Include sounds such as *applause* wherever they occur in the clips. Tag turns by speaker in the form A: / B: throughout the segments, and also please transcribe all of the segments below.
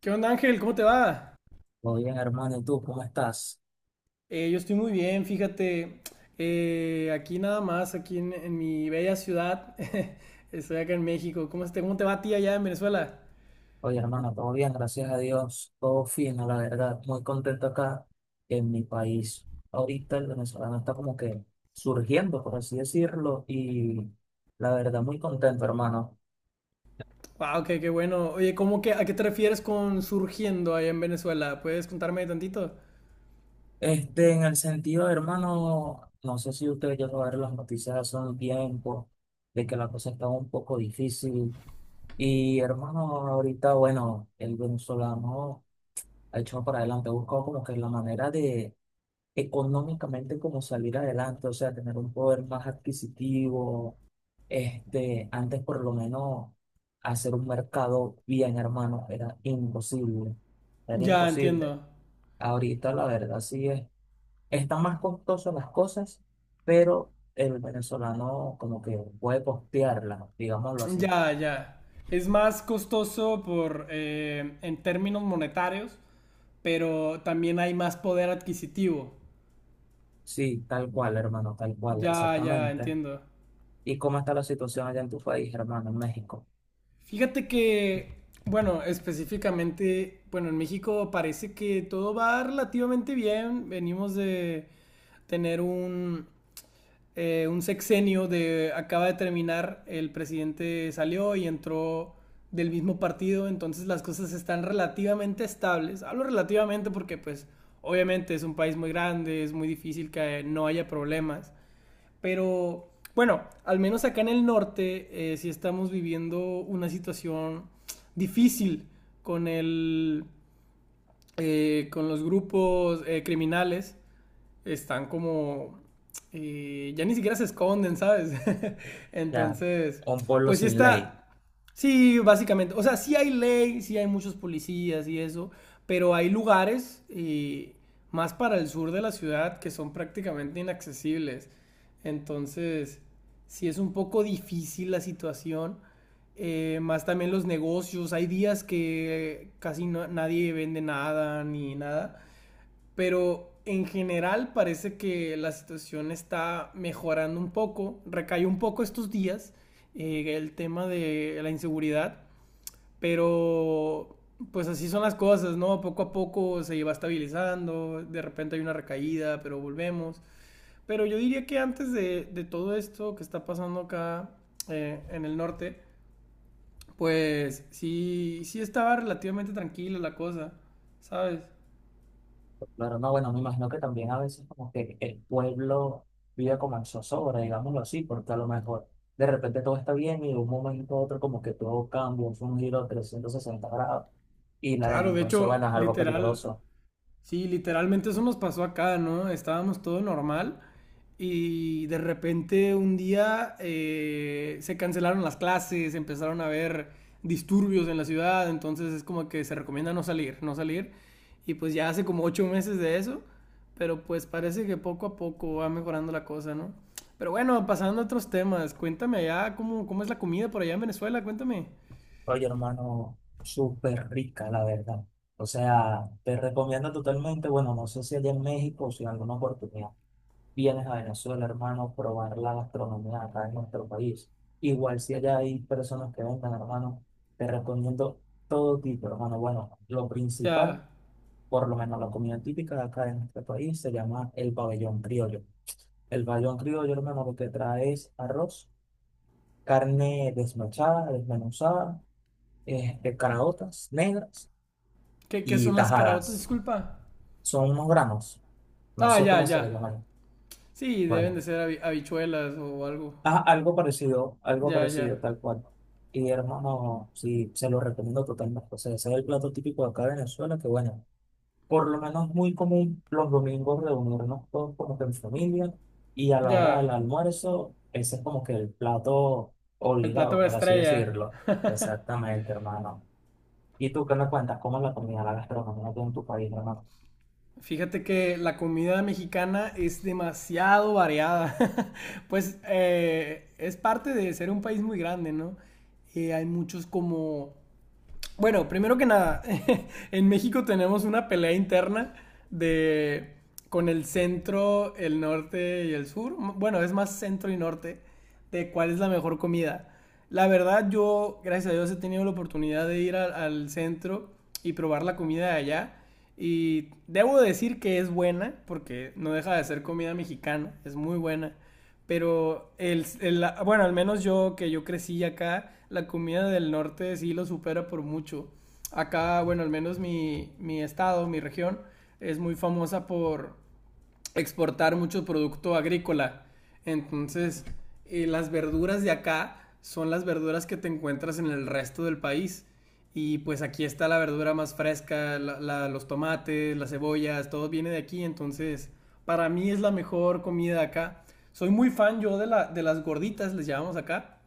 A: ¿Qué onda, Ángel? ¿Cómo te va?
B: Muy bien, hermano. ¿Y tú cómo estás?
A: Yo estoy muy bien, fíjate. Aquí nada más, aquí en mi bella ciudad. *laughs* Estoy acá en México. ¿Cómo, cómo te va a ti allá en Venezuela?
B: Oye, hermano, todo bien, gracias a Dios. Todo fino, la verdad. Muy contento acá en mi país. Ahorita el venezolano está como que surgiendo, por así decirlo, y la verdad, muy contento, hermano.
A: Wow, qué bueno. Oye, ¿cómo que, a qué te refieres con surgiendo allá en Venezuela? ¿Puedes contarme tantito?
B: En el sentido, hermano, no sé si ustedes ya ver las noticias hace un tiempo de que la cosa está un poco difícil. Y, hermano, ahorita, bueno, el venezolano ha hecho para adelante, ha buscado como que la manera de económicamente como salir adelante, o sea, tener un poder más adquisitivo, antes por lo menos hacer un mercado bien, hermano, era imposible, era
A: Ya,
B: imposible.
A: entiendo.
B: Ahorita la verdad sí es, están más costosas las cosas, pero el venezolano como que puede costearlas, digámoslo así.
A: Ya, ya. Es más costoso por, en términos monetarios, pero también hay más poder adquisitivo.
B: Sí, tal cual, hermano, tal cual,
A: Ya, ya,
B: exactamente.
A: entiendo.
B: ¿Y cómo está la situación allá en tu país, hermano, en México?
A: Fíjate que, bueno, específicamente, bueno, en México parece que todo va relativamente bien. Venimos de tener un sexenio de, acaba de terminar, el presidente salió y entró del mismo partido, entonces las cosas están relativamente estables. Hablo relativamente porque pues obviamente es un país muy grande, es muy difícil que no haya problemas. Pero bueno, al menos acá en el norte sí estamos viviendo una situación difícil con, el, con los grupos criminales están como... ya ni siquiera se esconden, ¿sabes? *laughs*
B: Ya,
A: Entonces,
B: un pueblo
A: pues sí
B: sin
A: está...
B: ley.
A: Sí, básicamente. O sea, sí hay ley, sí hay muchos policías y eso, pero hay lugares más para el sur de la ciudad que son prácticamente inaccesibles. Entonces, sí es un poco difícil la situación. Más también los negocios. Hay días que casi nadie vende nada ni nada, pero en general parece que la situación está mejorando un poco, recayó un poco estos días el tema de la inseguridad, pero pues así son las cosas, ¿no? Poco a poco se va estabilizando, de repente hay una recaída, pero volvemos. Pero yo diría que antes de todo esto que está pasando acá en el norte, pues sí, sí estaba relativamente tranquila la cosa, ¿sabes?
B: Claro, no, bueno, me imagino que también a veces como que el pueblo vive como en zozobra, digámoslo así, porque a lo mejor de repente todo está bien y de un momento a otro como que todo cambia, es un giro de 360 grados y la
A: Claro, de
B: delincuencia,
A: hecho,
B: bueno, es algo
A: literal,
B: peligroso.
A: sí, literalmente eso nos pasó acá, ¿no? Estábamos todo normal y de repente un día se cancelaron las clases, empezaron a haber disturbios en la ciudad, entonces es como que se recomienda no salir, no salir. Y pues ya hace como 8 meses de eso, pero pues parece que poco a poco va mejorando la cosa, ¿no? Pero bueno, pasando a otros temas, cuéntame allá cómo, cómo es la comida por allá en Venezuela, cuéntame.
B: Oye, hermano, súper rica, la verdad. O sea, te recomiendo totalmente, bueno, no sé si allá en México o si en alguna oportunidad vienes a Venezuela, hermano, probar la gastronomía acá en nuestro país. Igual si allá hay personas que vengan, hermano, te recomiendo todo tipo, hermano. Bueno, lo principal,
A: Ya,
B: por lo menos la comida típica de acá en nuestro país, se llama el pabellón criollo. El pabellón criollo, hermano, lo que trae es arroz, carne desmechada, desmenuzada, caraotas negras
A: ¿qué, qué
B: y
A: son las caraotas?
B: tajadas.
A: Disculpa.
B: Son unos granos, no
A: Ah,
B: sé
A: ya,
B: cómo se les
A: ya.
B: llama.
A: Sí, deben de
B: Bueno.
A: ser habichuelas o algo.
B: Ah, algo
A: Ya,
B: parecido,
A: ya.
B: tal cual. Y hermano, sí, se lo recomiendo totalmente. O sea, ese es el plato típico de acá de Venezuela, que bueno, por lo menos es muy común los domingos reunirnos todos como que en familia y a la hora del
A: Ya.
B: almuerzo, ese es como que el plato
A: El plato
B: obligado,
A: de
B: por así
A: estrella.
B: decirlo. Exactamente, hermano. ¿Y tú qué me cuentas? ¿Cómo es la comida, la gastronomía aquí en tu país, hermano?
A: Fíjate que la comida mexicana es demasiado variada. *laughs* Pues es parte de ser un país muy grande, ¿no? Hay muchos como bueno, primero que nada, *laughs* en México tenemos una pelea interna de con el centro, el norte y el sur. Bueno, es más centro y norte de cuál es la mejor comida. La verdad, yo, gracias a Dios, he tenido la oportunidad de ir al centro y probar la comida de allá. Y debo decir que es buena, porque no deja de ser comida mexicana, es muy buena. Pero bueno, al menos yo que yo crecí acá, la comida del norte sí lo supera por mucho. Acá, bueno, al menos mi estado, mi región, es muy famosa por exportar mucho producto agrícola. Entonces, las verduras de acá son las verduras que te encuentras en el resto del país. Y pues aquí está la verdura más fresca, los tomates, las cebollas, todo viene de aquí. Entonces, para mí es la mejor comida de acá. Soy muy fan yo de las gorditas, les llamamos acá.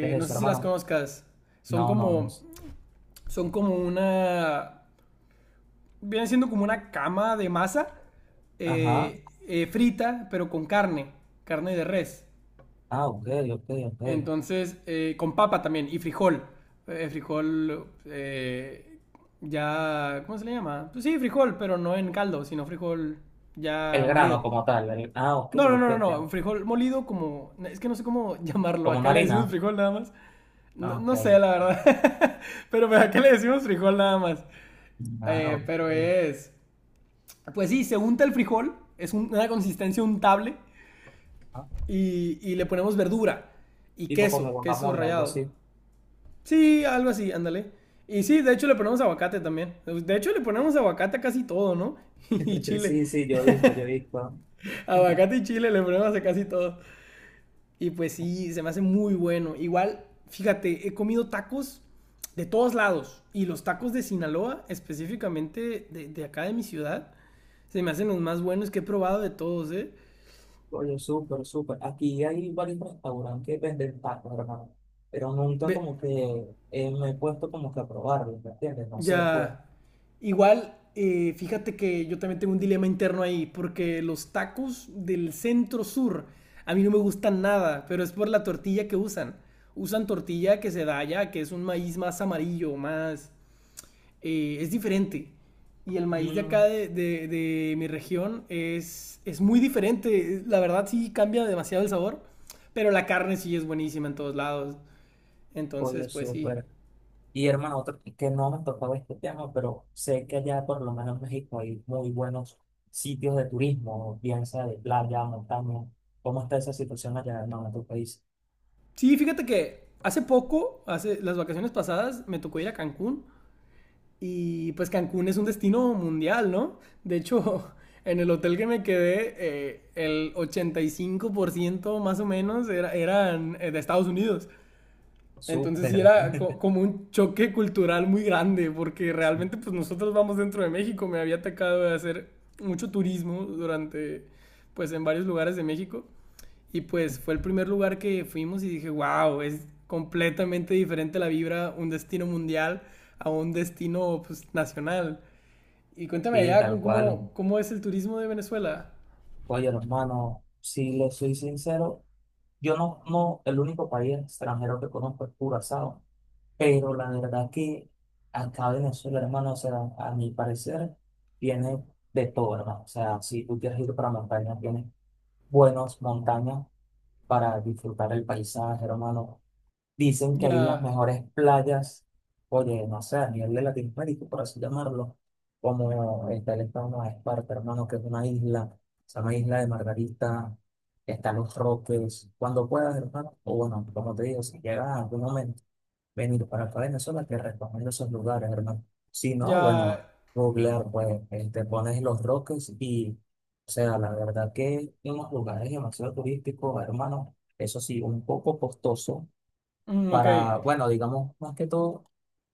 B: ¿Qué es
A: no sé
B: eso,
A: si las
B: hermano?
A: conozcas. Son
B: No, no, no.
A: como, son como una viene siendo como una cama de masa
B: Ajá.
A: frita, pero con carne, carne de res.
B: Ah, ok, ok, ok.
A: Entonces, con papa también y frijol. Frijol ya, ¿cómo se le llama? Pues sí, frijol, pero no en caldo, sino frijol
B: El
A: ya molido.
B: grano como tal. Ah, ok,
A: No, no, no,
B: ok.
A: no, no, un frijol molido como, es que no sé cómo *laughs* llamarlo,
B: Como
A: acá
B: una
A: le decimos
B: harina.
A: frijol nada más. No,
B: Ah, ok.
A: no sé, la verdad, *laughs* pero acá le decimos frijol nada más.
B: Ah, ok.
A: Pero es pues sí, se unta el frijol, es una consistencia untable
B: Ah,
A: y le ponemos verdura y
B: tipo como
A: queso, queso
B: guacamole, algo
A: rallado.
B: así.
A: Sí, algo así, ándale. Y sí, de hecho le ponemos aguacate también. De hecho le ponemos aguacate a casi todo, ¿no? *laughs* Y
B: *laughs*
A: chile.
B: Sí, sí, yo he
A: *laughs*
B: visto, yo he visto. *laughs*
A: Aguacate y chile le ponemos a casi todo. Y pues sí, se me hace muy bueno. Igual, fíjate, he comido tacos de todos lados. Y los tacos de Sinaloa, específicamente de acá de mi ciudad, se me hacen los más buenos que he probado de todos, ¿eh?
B: Oye, súper, súper. Aquí hay varios restaurantes que venden tacos, hermano. Pero nunca
A: Ve-
B: como que me he puesto como que a probarlo, ¿me entiendes? No sé, pues.
A: Ya. Igual, fíjate que yo también tengo un dilema interno ahí, porque los tacos del centro sur a mí no me gustan nada, pero es por la tortilla que usan. Usan tortilla que se da allá, que es un maíz más amarillo, más... es diferente. Y el maíz de acá
B: Mm,
A: de mi región es muy diferente. La verdad sí cambia demasiado el sabor, pero la carne sí es buenísima en todos lados. Entonces,
B: oye,
A: pues sí.
B: súper. Y hermano, otro que no me tocaba este tema, pero sé que allá por lo menos en México hay muy buenos sitios de turismo, bien sea de playa, montaña. ¿Cómo está esa situación allá, hermano, en tu país?
A: Sí, fíjate que hace poco, hace las vacaciones pasadas, me tocó ir a Cancún y pues Cancún es un destino mundial, ¿no? De hecho, *laughs* en el hotel que me quedé, el 85% más o menos eran de Estados Unidos. Entonces sí
B: Súper,
A: era como un choque cultural muy grande, porque
B: sí,
A: realmente pues nosotros vamos dentro de México, me había atacado de hacer mucho turismo durante, pues en varios lugares de México, y pues fue el primer lugar que fuimos y dije, wow, es completamente diferente la vibra, un destino mundial a un destino pues nacional. Y cuéntame
B: sí,
A: allá ¿cómo,
B: tal cual.
A: cómo es el turismo de Venezuela?
B: Oye, hermano, si le soy sincero, yo no, no, el único país extranjero que conozco es Curazao, pero la verdad que acá Venezuela, hermano, o sea, a mi parecer, tiene de todo, hermano. O sea, si tú quieres ir para montañas, tienes buenas montañas para disfrutar el paisaje, hermano, dicen que hay las
A: Ya,
B: mejores playas, oye, no sé, a nivel de Latinoamérica, por así llamarlo, como está el estado de Esparta, hermano, que es una isla, se llama Isla de Margarita, están Los Roques, cuando puedas, hermano, o bueno, como te digo, si llegas a algún momento, venir para acá a Venezuela, te recomiendo esos lugares, hermano. Si no,
A: ya,
B: bueno, googlear, pues, te pones Los Roques y, o sea, la verdad que unos lugares demasiado turísticos, hermano, eso sí, un poco costoso
A: mm, ok,
B: para, bueno, digamos, más que todo,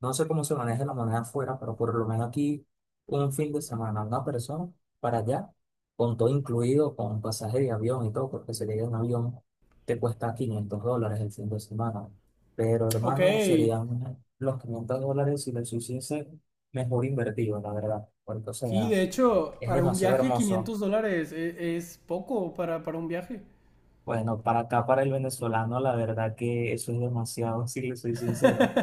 B: no sé cómo se maneja la moneda afuera, pero por lo menos aquí un fin de semana, una persona para allá, con todo incluido, con pasaje de avión y todo, porque si llega en avión te cuesta 500 dólares el fin de semana. Pero
A: ok,
B: hermano, serían los 500 dólares si los hiciese mejor invertido, la verdad, porque o
A: sí,
B: sea,
A: de hecho,
B: es
A: para un
B: demasiado
A: viaje
B: hermoso.
A: 500 dólares es poco para un viaje.
B: Bueno, para acá, para el venezolano, la verdad que eso es demasiado, *laughs* si les soy sincero,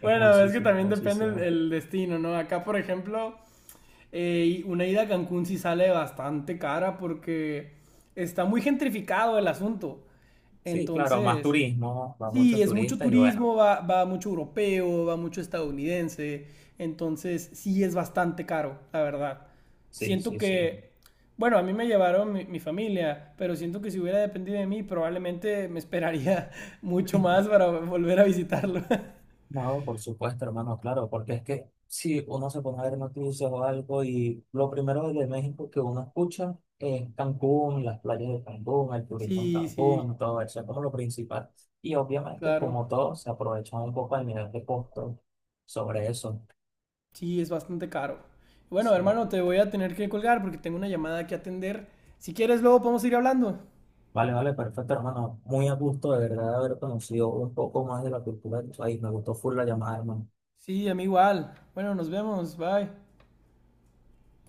B: es
A: Bueno, es que
B: muchísimo,
A: también depende
B: muchísimo.
A: el destino, ¿no? Acá, por ejemplo, una ida a Cancún sí sale bastante cara porque está muy gentrificado el asunto.
B: Sí, claro, más
A: Entonces,
B: turismo, va
A: sí,
B: muchos
A: es mucho
B: turistas y bueno,
A: turismo, va mucho europeo, va mucho estadounidense, entonces sí es bastante caro, la verdad.
B: sí,
A: Siento
B: sí, sí.
A: que, bueno, a mí me llevaron mi familia, pero siento que si hubiera dependido de mí, probablemente me esperaría *laughs* mucho más para volver a visitarlo. *laughs*
B: No, por supuesto, hermano, claro, porque es que si uno se pone a ver noticias o algo y lo primero de México que uno escucha es Cancún, las playas de Cancún, el turismo en
A: Sí, sí,
B: Cancún, todo eso es como lo principal. Y obviamente,
A: claro,
B: como todo, se aprovechan un poco el nivel de costo sobre eso.
A: sí es bastante caro. Bueno,
B: Sí.
A: hermano, te voy a tener que colgar porque tengo una llamada que atender. Si quieres, luego podemos ir hablando.
B: Vale, vale, perfecto, hermano. Muy a gusto, de verdad, de haber conocido un poco más de la cultura de tu país. Me gustó full la llamada, hermano.
A: Sí, a mí igual. Bueno, nos vemos, bye.